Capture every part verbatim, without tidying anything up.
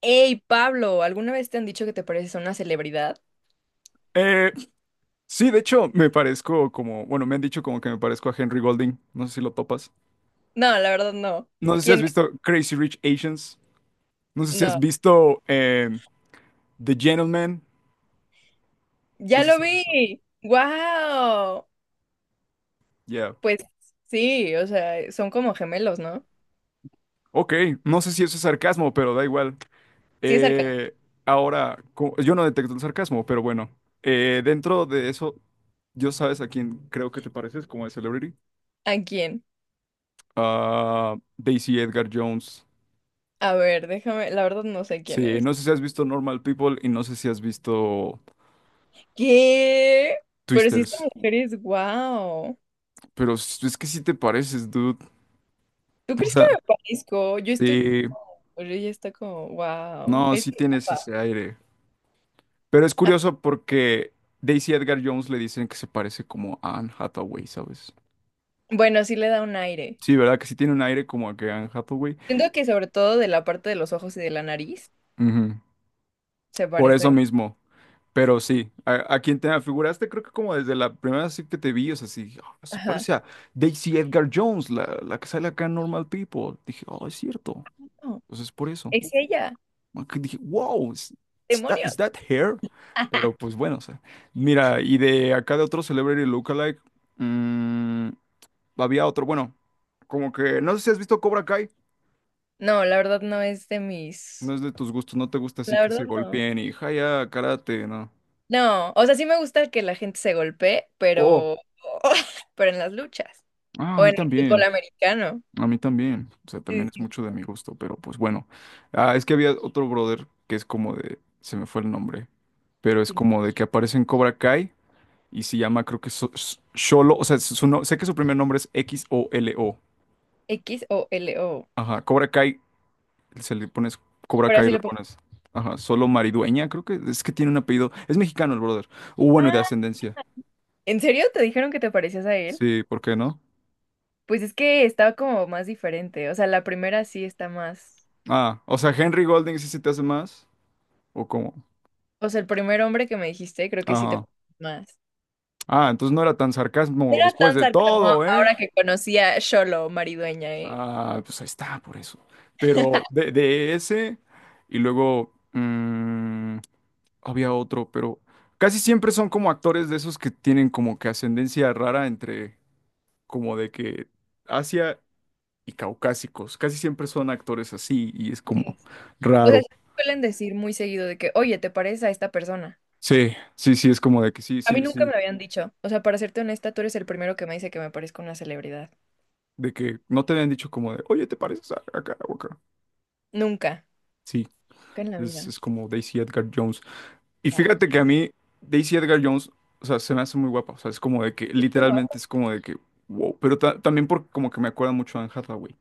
Hey, Pablo, ¿alguna vez te han dicho que te pareces a una celebridad? Eh, sí, de hecho, me parezco como, bueno, me han dicho como que me parezco a Henry Golding. No sé si lo topas. No, la verdad no. No sé si ¿Quién has es? visto Crazy Rich Asians. No sé si has No. visto eh, The Gentleman. No ¡Ya sé lo si has visto. vi! ¡Wow! Yeah. Pues sí, o sea, son como gemelos, ¿no? Ok, no sé si eso es sarcasmo, pero da igual. Sí, es cercano. Eh, ahora, co- yo no detecto el sarcasmo, pero bueno. Eh, dentro de eso, ¿yo sabes a quién creo que te pareces como de Celebrity? ¿A quién? Ah, Daisy Edgar Jones. A ver, déjame, la verdad no sé quién Sí, es. no sé si has visto Normal People y no sé si has visto ¿Qué? Pero sí, esta Twisters, mujer es wow. pero s- es que sí te pareces, dude. ¿Tú O crees que sea, me parezco? Yo estoy. sí, Pero ella está como, wow. no, Es sí muy tienes guapa. ese aire. Pero es curioso porque Daisy Edgar Jones le dicen que se parece como a Anne Hathaway, ¿sabes? Bueno, sí le da un aire. Sí, ¿verdad? Que sí tiene un aire como a que Anne Hathaway. Siento que sobre todo de la parte de los ojos y de la nariz Ujú. se Por eso parece. mismo. Pero sí, a, a quien te afiguraste, creo que como desde la primera vez que te vi, o sea, sí, "Ah, se Ajá. parece a Daisy Edgar Jones, la, la que sale acá en Normal People. Dije, oh, es cierto. No, Entonces, por eso. ¿es ella? Que dije, wow, is, is that, is ¡Demonios! that hair? Pero pues bueno, o sea, mira, y de acá de otro celebrity lookalike, mm, había otro, bueno, como que, no sé si has visto Cobra Kai, No, la verdad no es de no mis. es de tus gustos, no te gusta así La que se verdad no. golpeen y ya, karate, no. No, o sea, sí me gusta que la gente se golpee, Oh, pero. Pero en las luchas. ah, a O mí en el fútbol también, americano. a mí también, o sea, Sí, también es sí, mucho de sí. mi gusto, pero pues bueno, ah, es que había otro brother que es como de, se me fue el nombre, pero es ¿Quién? como de que aparece en Cobra Kai. Y se llama, creo que So- S- Solo, o sea, su no- sé que su primer nombre es X O L O. X o L O. Ajá, Cobra Kai, se le pones Cobra Pero Kai y así le lo pongo. pones. Ajá, Solo Maridueña, creo que es que tiene un apellido. Es mexicano el brother. O bueno, de Ah, ascendencia. ¿en serio te dijeron que te parecías a él? Sí, ¿por qué no? Pues es que estaba como más diferente. O sea, la primera sí está más. Ah, o sea, Henry Golding sí se te hace más. ¿O cómo? O sea, el primer hombre que me dijiste, creo que sí te Ajá. pareces más. Ah, entonces no era tan No sarcasmo era después tan de sarcasmo todo, ¿eh? ahora que conocí a Xolo Maridueña, ¿eh? Ah, pues ahí está, por eso. Pero de, de ese, y luego, mm, había otro, pero casi siempre son como actores de esos que tienen como que ascendencia rara entre como de que Asia y caucásicos. Casi siempre son actores así y es Ok. como O sea, raro. sí suelen decir muy seguido de que, oye, ¿te pareces a esta persona? Sí, sí, sí, es como de que sí, A mí sí, nunca sí, me lo habían dicho. O sea, para serte honesta, tú eres el primero que me dice que me parezco a una celebridad. de que no te habían dicho como de, oye, ¿te pareces a acá o acá? Nunca. Sí, Nunca en la es, vida. es como Daisy Edgar Jones. Y Wow. fíjate que a mí, Daisy Edgar Jones, o sea, se me hace muy guapa, o sea, es como de que Estoy guapa. literalmente es como de que, wow, pero ta- también porque como que me acuerda mucho a Anne Hathaway.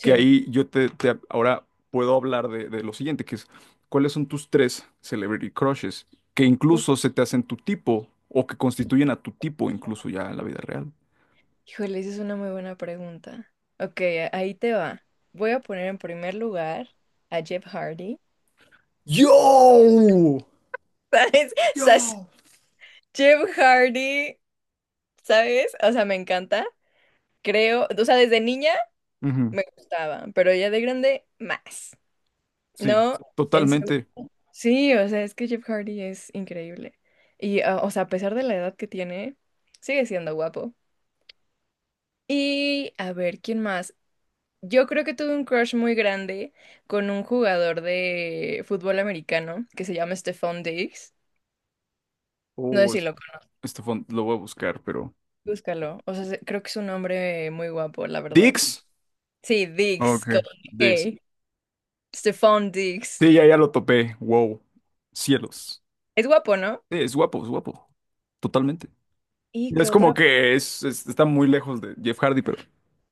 Que ahí yo te, te- ahora puedo hablar de, de lo siguiente, que es cuáles son tus tres celebrity crushes que Uf, incluso se te hacen tu tipo o que constituyen a tu tipo incluso ya en la vida real. híjole, esa es una muy buena pregunta. Ok, a- ahí te va. Voy a poner en primer lugar a Jeff Hardy. ¡Yo! ¿Sabes? ¿Sabes? ¡Yo! Jeff Hardy, ¿sabes? O sea, me encanta. Creo, o sea, desde niña Ujú. me gustaba, pero ya de grande más. Sí, No, en serio. totalmente. Sí, o sea, es que Jeff Hardy es increíble. Y, ah, o sea, a pesar de la edad que tiene, sigue siendo guapo. Y, a ver, ¿quién más? Yo creo que tuve un crush muy grande con un jugador de fútbol americano que se llama Stephon Diggs. No sé Oh, si es- lo conoces, Estefan, lo voy a buscar, pero... búscalo. O sea, se- creo que es un hombre muy guapo, la verdad. Dix. Sí, Diggs, Ok, con Dix. G. Stephon Diggs. Sí, ya, ya lo topé. Wow. Cielos. Es guapo, ¿no? Sí, es guapo, es guapo. Totalmente. ¿Y qué Es como otra? que es, es- está muy lejos de Jeff Hardy, pero...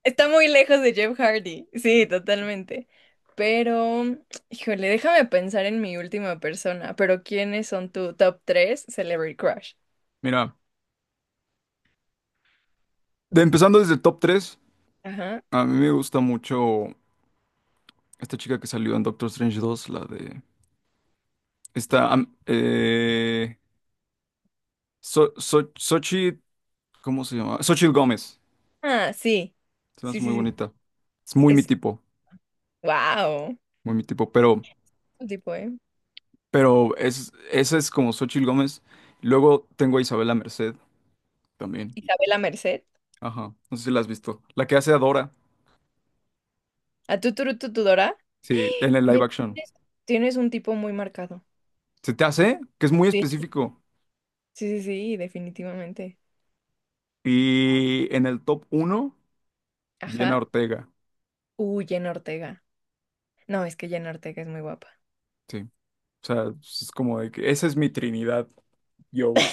Está muy lejos de Jeff Hardy. Sí, totalmente. Pero, híjole, déjame pensar en mi última persona. Pero, ¿quiénes son tu top tres Celebrity Crush? Mira. De- empezando desde el top tres, Ajá. a mí me gusta mucho esta chica que salió en Doctor Strange dos, la de... Esta... am- eh, So- So- Xochitl- ¿cómo se llama? Xochitl Gómez. Ah, sí. Se me Sí, hace muy sí, sí. bonita. Es muy mi Es. tipo, ¡Wow! muy mi tipo, pero, Tipo, ¿eh? pero es, esa es como Xochitl Gómez. Luego tengo a Isabela Merced también. Isabela Merced. Ajá, no sé si la has visto. La que hace a Dora, ¿A tu turu tu, tu, Dora? sí, en el Oye, live action. tienes tienes un tipo muy marcado. ¿Se te hace? Que es muy Sí. específico. Sí, sí, sí, definitivamente. Y en el top uno, Jenna Ajá. Ortega. Uh, Jenna Ortega. No, es que Jenna Ortega es muy guapa. Sí. O sea, pues, es como de que esa es mi Trinidad, yo.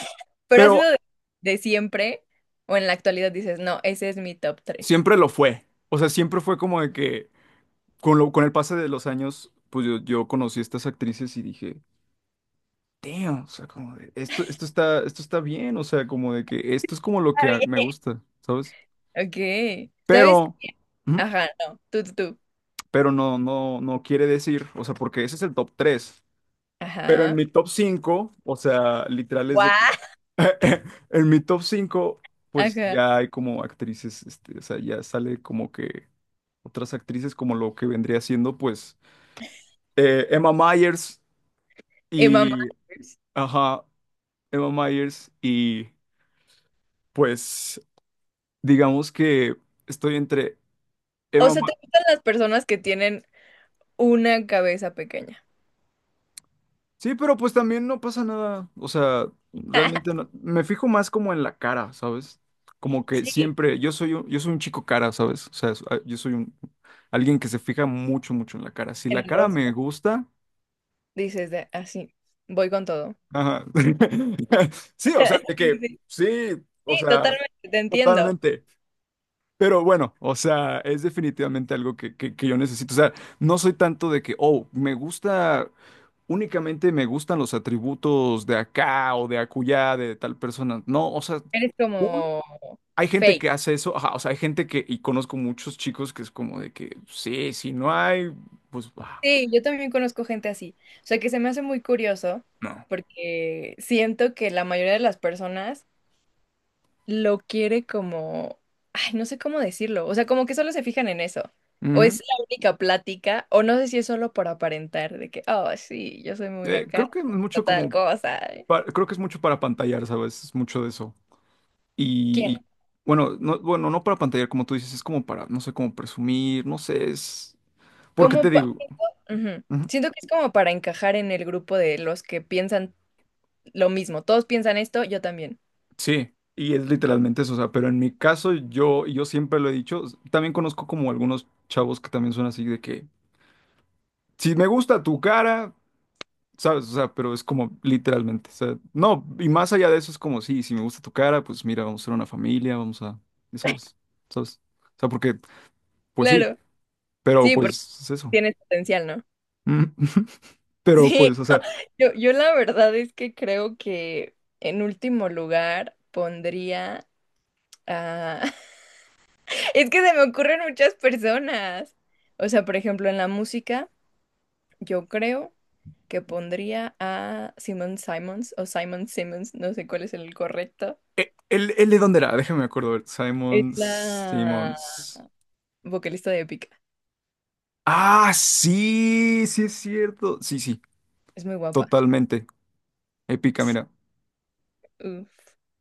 Pero ha sido Pero de, de siempre o en la actualidad dices, no, ese es mi top tres. siempre lo fue. O sea, siempre fue como de que con lo, con el pase de los años, pues yo, yo conocí a estas actrices y dije, damn, o sea, como de, esto, esto está, esto está bien, o sea, como de que esto es como lo que a- me Está gusta, ¿sabes? bien. Ok. ¿Sabes? Pero, ujú, Ajá, no. Tú, tú, tú. pero no, no, no quiere decir, o sea, porque ese es el top tres. Pero en Ajá. mi top cinco, o sea, literal es de que... Guau. En mi top cinco, pues Ajá. ya hay como actrices, este, o sea, ya sale como que otras actrices como lo que vendría siendo, pues, eh, Emma Myers Emma y... Myers. Ajá, Emma Myers y pues digamos que estoy entre... O Emma. sea, ¿te gustan las personas que tienen una cabeza pequeña? Sí, pero pues también no pasa nada. O sea, realmente no- me fijo más como en la cara, ¿sabes? Como que Sí. siempre, yo soy un, yo soy un chico cara, ¿sabes? O sea, es- ah, yo soy un alguien que se fija mucho, mucho en la cara. Si En la el cara me rostro. gusta, Dices de así, voy con todo. ajá. Sí, o sea, de Sí, sí, que sí. sí, o Sí, sea, totalmente, te entiendo. totalmente. Pero bueno, o sea, es definitivamente algo que, que, que yo necesito. O sea, no soy tanto de que, oh, me gusta. Únicamente me gustan los atributos de acá o de acullá de tal persona. No, o sea, Eres cool. como hay gente fake. que hace eso, ajá, o sea, hay gente que, y conozco muchos chicos que es como de que, sí, si no hay, pues, ah, Sí, yo también conozco gente así. O sea, que se me hace muy curioso no. porque siento que la mayoría de las personas lo quiere como, ay, no sé cómo decirlo. O sea, como que solo se fijan en eso. O Ujú. es la única plática, o no sé si es solo por aparentar, de que, oh, sí, yo soy muy Eh, acá, Creo que es mucho tal como, cosa. pa- creo que es mucho para pantallar, ¿sabes? Es mucho de eso. Y, ¿Quién? y, bueno, no, bueno, no para pantallar, como tú dices, es como para, no sé, como presumir, no sé, es, ¿porque te ¿Cómo? pa- digo? Ujú. Ujú. Siento que es como para encajar en el grupo de los que piensan lo mismo. Todos piensan esto, yo también. Sí, y es literalmente eso, o sea, pero en mi caso yo, yo, siempre lo he dicho, s- también conozco como algunos chavos que también son así de que, si me gusta tu cara, sabes, o sea, pero es como literalmente, o sea, no, y más allá de eso es como, sí, si me gusta tu cara, pues mira, vamos a ser una familia, vamos a, y sabes, sabes, o sea, porque, pues sí, Claro. pero Sí, pues porque es eso. tienes potencial, ¿no? Mm. Pero Sí, pues, o no, sea, yo, yo la verdad es que creo que en último lugar pondría a... Es que se me ocurren muchas personas. O sea, por ejemplo, en la música, yo creo que pondría a Simon Simons o Simon Simmons, no sé cuál es el correcto. e- ¿él, él de dónde era? Déjame acuerdo, a ver, Es Simon, la Simons. vocalista de Épica. Ah, sí, sí es cierto. Sí, sí. Es muy guapa. Totalmente épica, mira. Uf.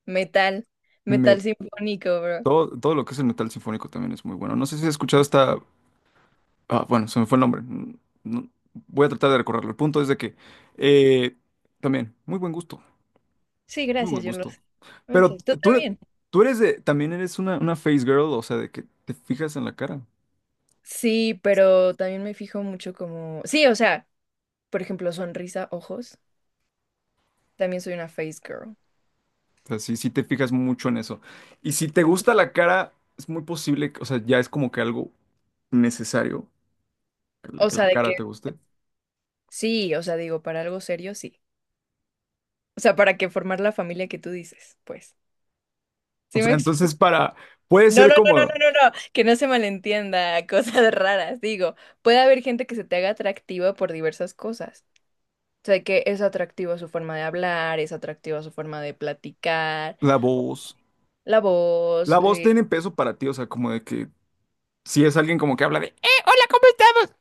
Metal, metal Me, sinfónico, bro. todo, todo lo que es el metal sinfónico también es muy bueno. No sé si has escuchado esta... Ah, bueno, se me fue el nombre. Mm, no- voy a tratar de recorrerlo. El punto es de que eh, también, muy buen gusto, Sí, muy buen gracias, yo lo gusto. sé. Pero Muchas- Tú tú, eres- también. tú eres de... También eres una, una face girl, o sea, de que te fijas en la cara. Sí, pero también me fijo mucho como... Sí, o sea, por ejemplo, sonrisa, ojos. También soy una face girl. O sea, sí, sí te fijas mucho en eso. Y si te gusta la cara, es muy posible, que- o sea, ya es como que algo necesario que la O que sea, la de que... cara te guste. Sí, o sea, digo, para algo serio, sí. O sea, para que formar la familia que tú dices, pues. O ¿Sí me sea, explico? entonces para... Puede No, ser no, no, no, como... no, no, no. Que no se malentienda, cosas raras. Digo, puede haber gente que se te haga atractiva por diversas cosas. O sea, que es atractiva su forma de hablar, es atractiva su forma de platicar, La o voz. la voz. La voz eh, tiene peso para ti, o sea, como de que si es alguien como que habla de, "Eh",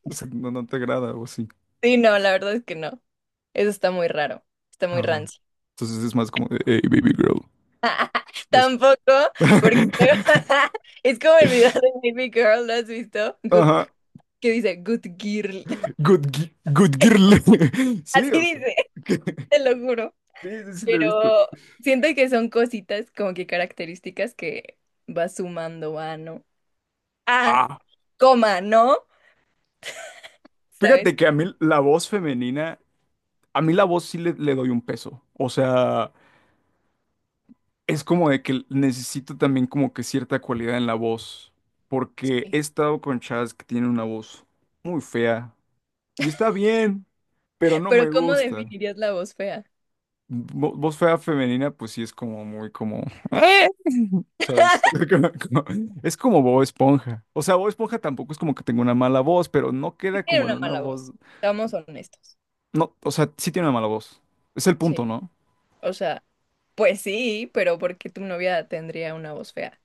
o sea, no, no te agrada o así. Sí, no, la verdad es que no. Eso está muy raro, está muy Ajá. rancio. Entonces es más como de, hey, baby girl. Eso. Tampoco, porque luego- es como el video de Baby Girl, ¿lo has visto? Good, Ajá. que dice Good Girl. Good, gi- good Es- girl. Así Sí, o sea. dice, que- te lo juro. Sí, sí, sí, lo he Pero visto. siento que son cositas como que características que va sumando a, ¿no? Ah, Ah, coma, ¿no? ¿Sabes? fíjate que a Como mí la voz femenina, a mí la voz sí le, le doy un peso. O sea. Es como de que necesito también como que cierta cualidad en la voz, porque he que- estado con chavas que tienen una voz muy fea y está bien, pero no Pero me ¿cómo gusta. definirías la voz fea? Vo- voz fea femenina, pues sí es como muy como, "Eh", ¿sabes? Como- como- Es como Bob Esponja. O sea, Bob Esponja tampoco es como que tenga una mala voz, pero no queda como Tiene en una una mala voz, voz, seamos honestos. no, o sea, sí tiene una mala voz. Es el punto, Sí, ¿no? o sea. Pues sí, pero ¿por qué tu novia tendría una voz fea?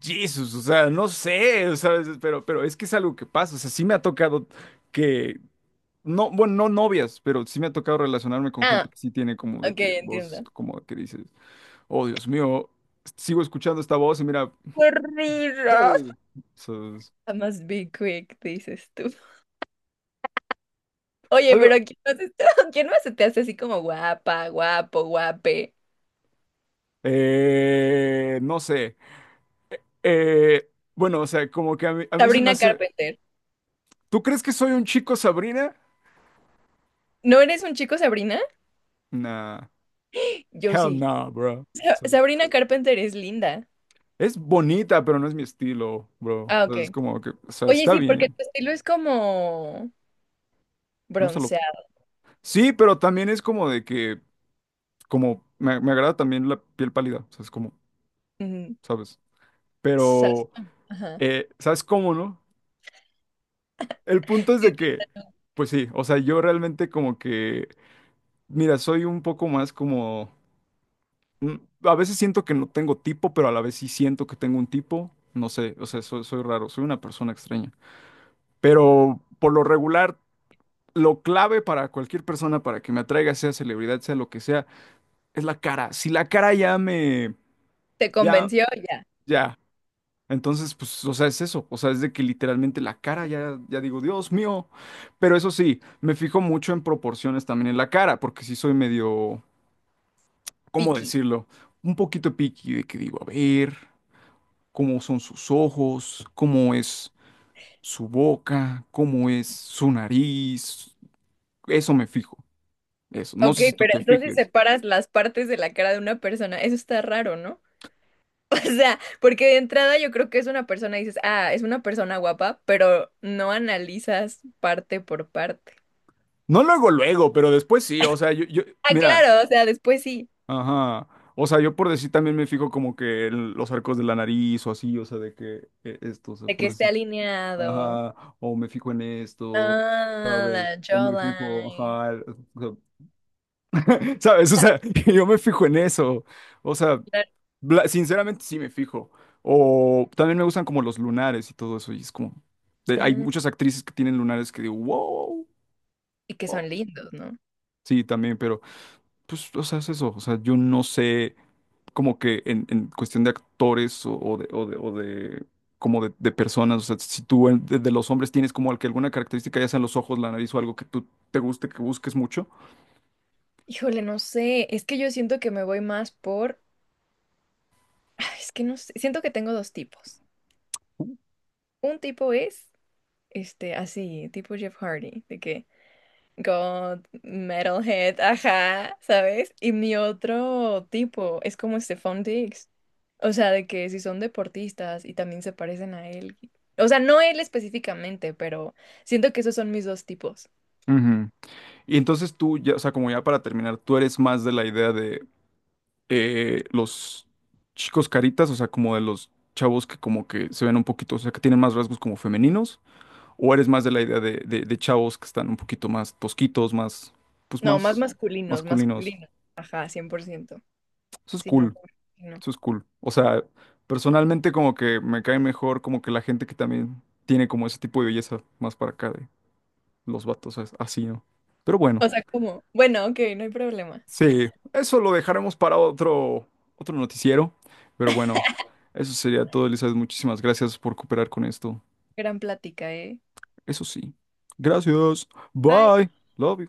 Jesus, o sea, no sé, ¿sabes? Pero, pero es que es algo que pasa, o sea, sí me ha tocado que. No, bueno, no novias, pero sí me ha tocado relacionarme con gente Ah, que sí tiene como de ok, que voz, entiendo. como de que dices, oh Dios mío, sigo escuchando esta voz y mira, ¡Qué risa! ¡pum! So, es I must be quick, dices tú. Oye, algo, pero ¿quién más, está- quién más se te hace así como guapa, guapo, guape? eh, no sé, eh, bueno, o sea, como que a mí, a mí, se me Sabrina hace, Carpenter. ¿tú crees que soy un chico Sabrina? ¿No eres un chico, Sabrina? Nah, Yo hell sí. no, bro. Sa- So, Sabrina Carpenter es linda. es bonita, pero no es mi estilo, bro. Ah, So, es ok. como que, o sea, Oye, está sí, porque bien, tu estilo es como me gusta lo... bronceado. Sí, pero también es como de que... Como me, me agrada también la piel pálida, o sea, es como, Mm, ¿sabes? sas- Pero, Ajá. eh, ¿sabes cómo, no? El punto es de Sí, que, pues sí, o sea, yo realmente como que, mira, soy un poco más como, mm, a veces siento que no tengo tipo, pero a la vez sí siento que tengo un tipo, no sé, o sea, soy, soy raro, soy una persona extraña. Pero por lo regular, lo clave para cualquier persona, para que me atraiga, sea celebridad, sea lo que sea, es la cara. Si la cara ya me, te ya... convenció ya. Ya, entonces, pues, o sea, es eso, o sea, es de que literalmente la cara ya, ya digo, Dios mío, pero eso sí, me fijo mucho en proporciones también en la cara, porque sí soy medio, ¿cómo Picky. decirlo? Un poquito picky de que digo, a ver, cómo son sus ojos, cómo es su boca, cómo es su nariz, eso me fijo, eso, no Ok, sé si tú pero te entonces fijes. separas las partes de la cara de una persona. Eso está raro, ¿no? O sea, porque de entrada yo creo que es una persona y dices, ah, es una persona guapa, pero no analizas parte por parte. No luego, luego, pero después sí, o sea, yo, yo, Ah, mira. claro, o sea, después sí, Ajá. O sea, yo por decir también me fijo como que el- los arcos de la nariz o así, o sea, de que eh, esto, o sea, de que por esté decir, alineado. ajá, o me fijo en esto, Ah, ¿sabes? la O me fijo, jawline. ajá, el- o sea, ¿sabes? O sea, yo me fijo en eso. O sea, Claro. bla- sinceramente sí me fijo. O también me gustan como los lunares y todo eso, y es como, de- hay Ah, muchas actrices que tienen lunares que digo, wow, y que wow". son lindos, ¿no? Sí, también, pero pues, o sea, es eso, o sea, yo no sé. Como que en, en cuestión de actores o, o de, o de, o de- como de, de personas, o sea, si tú en- de, de los hombres tienes como que alguna característica, ya sean los ojos, la nariz o algo que tú te guste, que busques mucho. Híjole, no sé, es que yo siento que me voy más por... Es que no sé, siento que tengo dos tipos. Un tipo es, este, así, tipo Jeff Hardy, de que... God, metalhead, ajá, ¿sabes? Y mi otro tipo es como Stephon Diggs. O sea, de que si son deportistas y también se parecen a él. O sea, no él específicamente, pero siento que esos son mis dos tipos. Ujú. Y entonces tú, ya, o sea, como ya para terminar, tú eres más de la idea de eh, los chicos caritas, o sea, como de los chavos que como que se ven un poquito, o sea, que tienen más rasgos como femeninos, o eres más de la idea de, de, de chavos que están un poquito más tosquitos, más, pues No, más más masculinos, masculinos. masculinos. Ajá, cien por ciento. Eso es Sí, no, cool. no. Eso es cool. O sea, personalmente como que me cae mejor como que la gente que también tiene como ese tipo de belleza más para acá de los vatos as- así, ¿no? Pero bueno, O sea, como, bueno, ok, no hay problema. sí, eso lo dejaremos para otro, otro noticiero. Pero bueno, eso sería todo, Elizabeth. Muchísimas gracias por cooperar con esto. Gran plática, ¿eh? Eso sí. Gracias. Bye. Bye. Love you.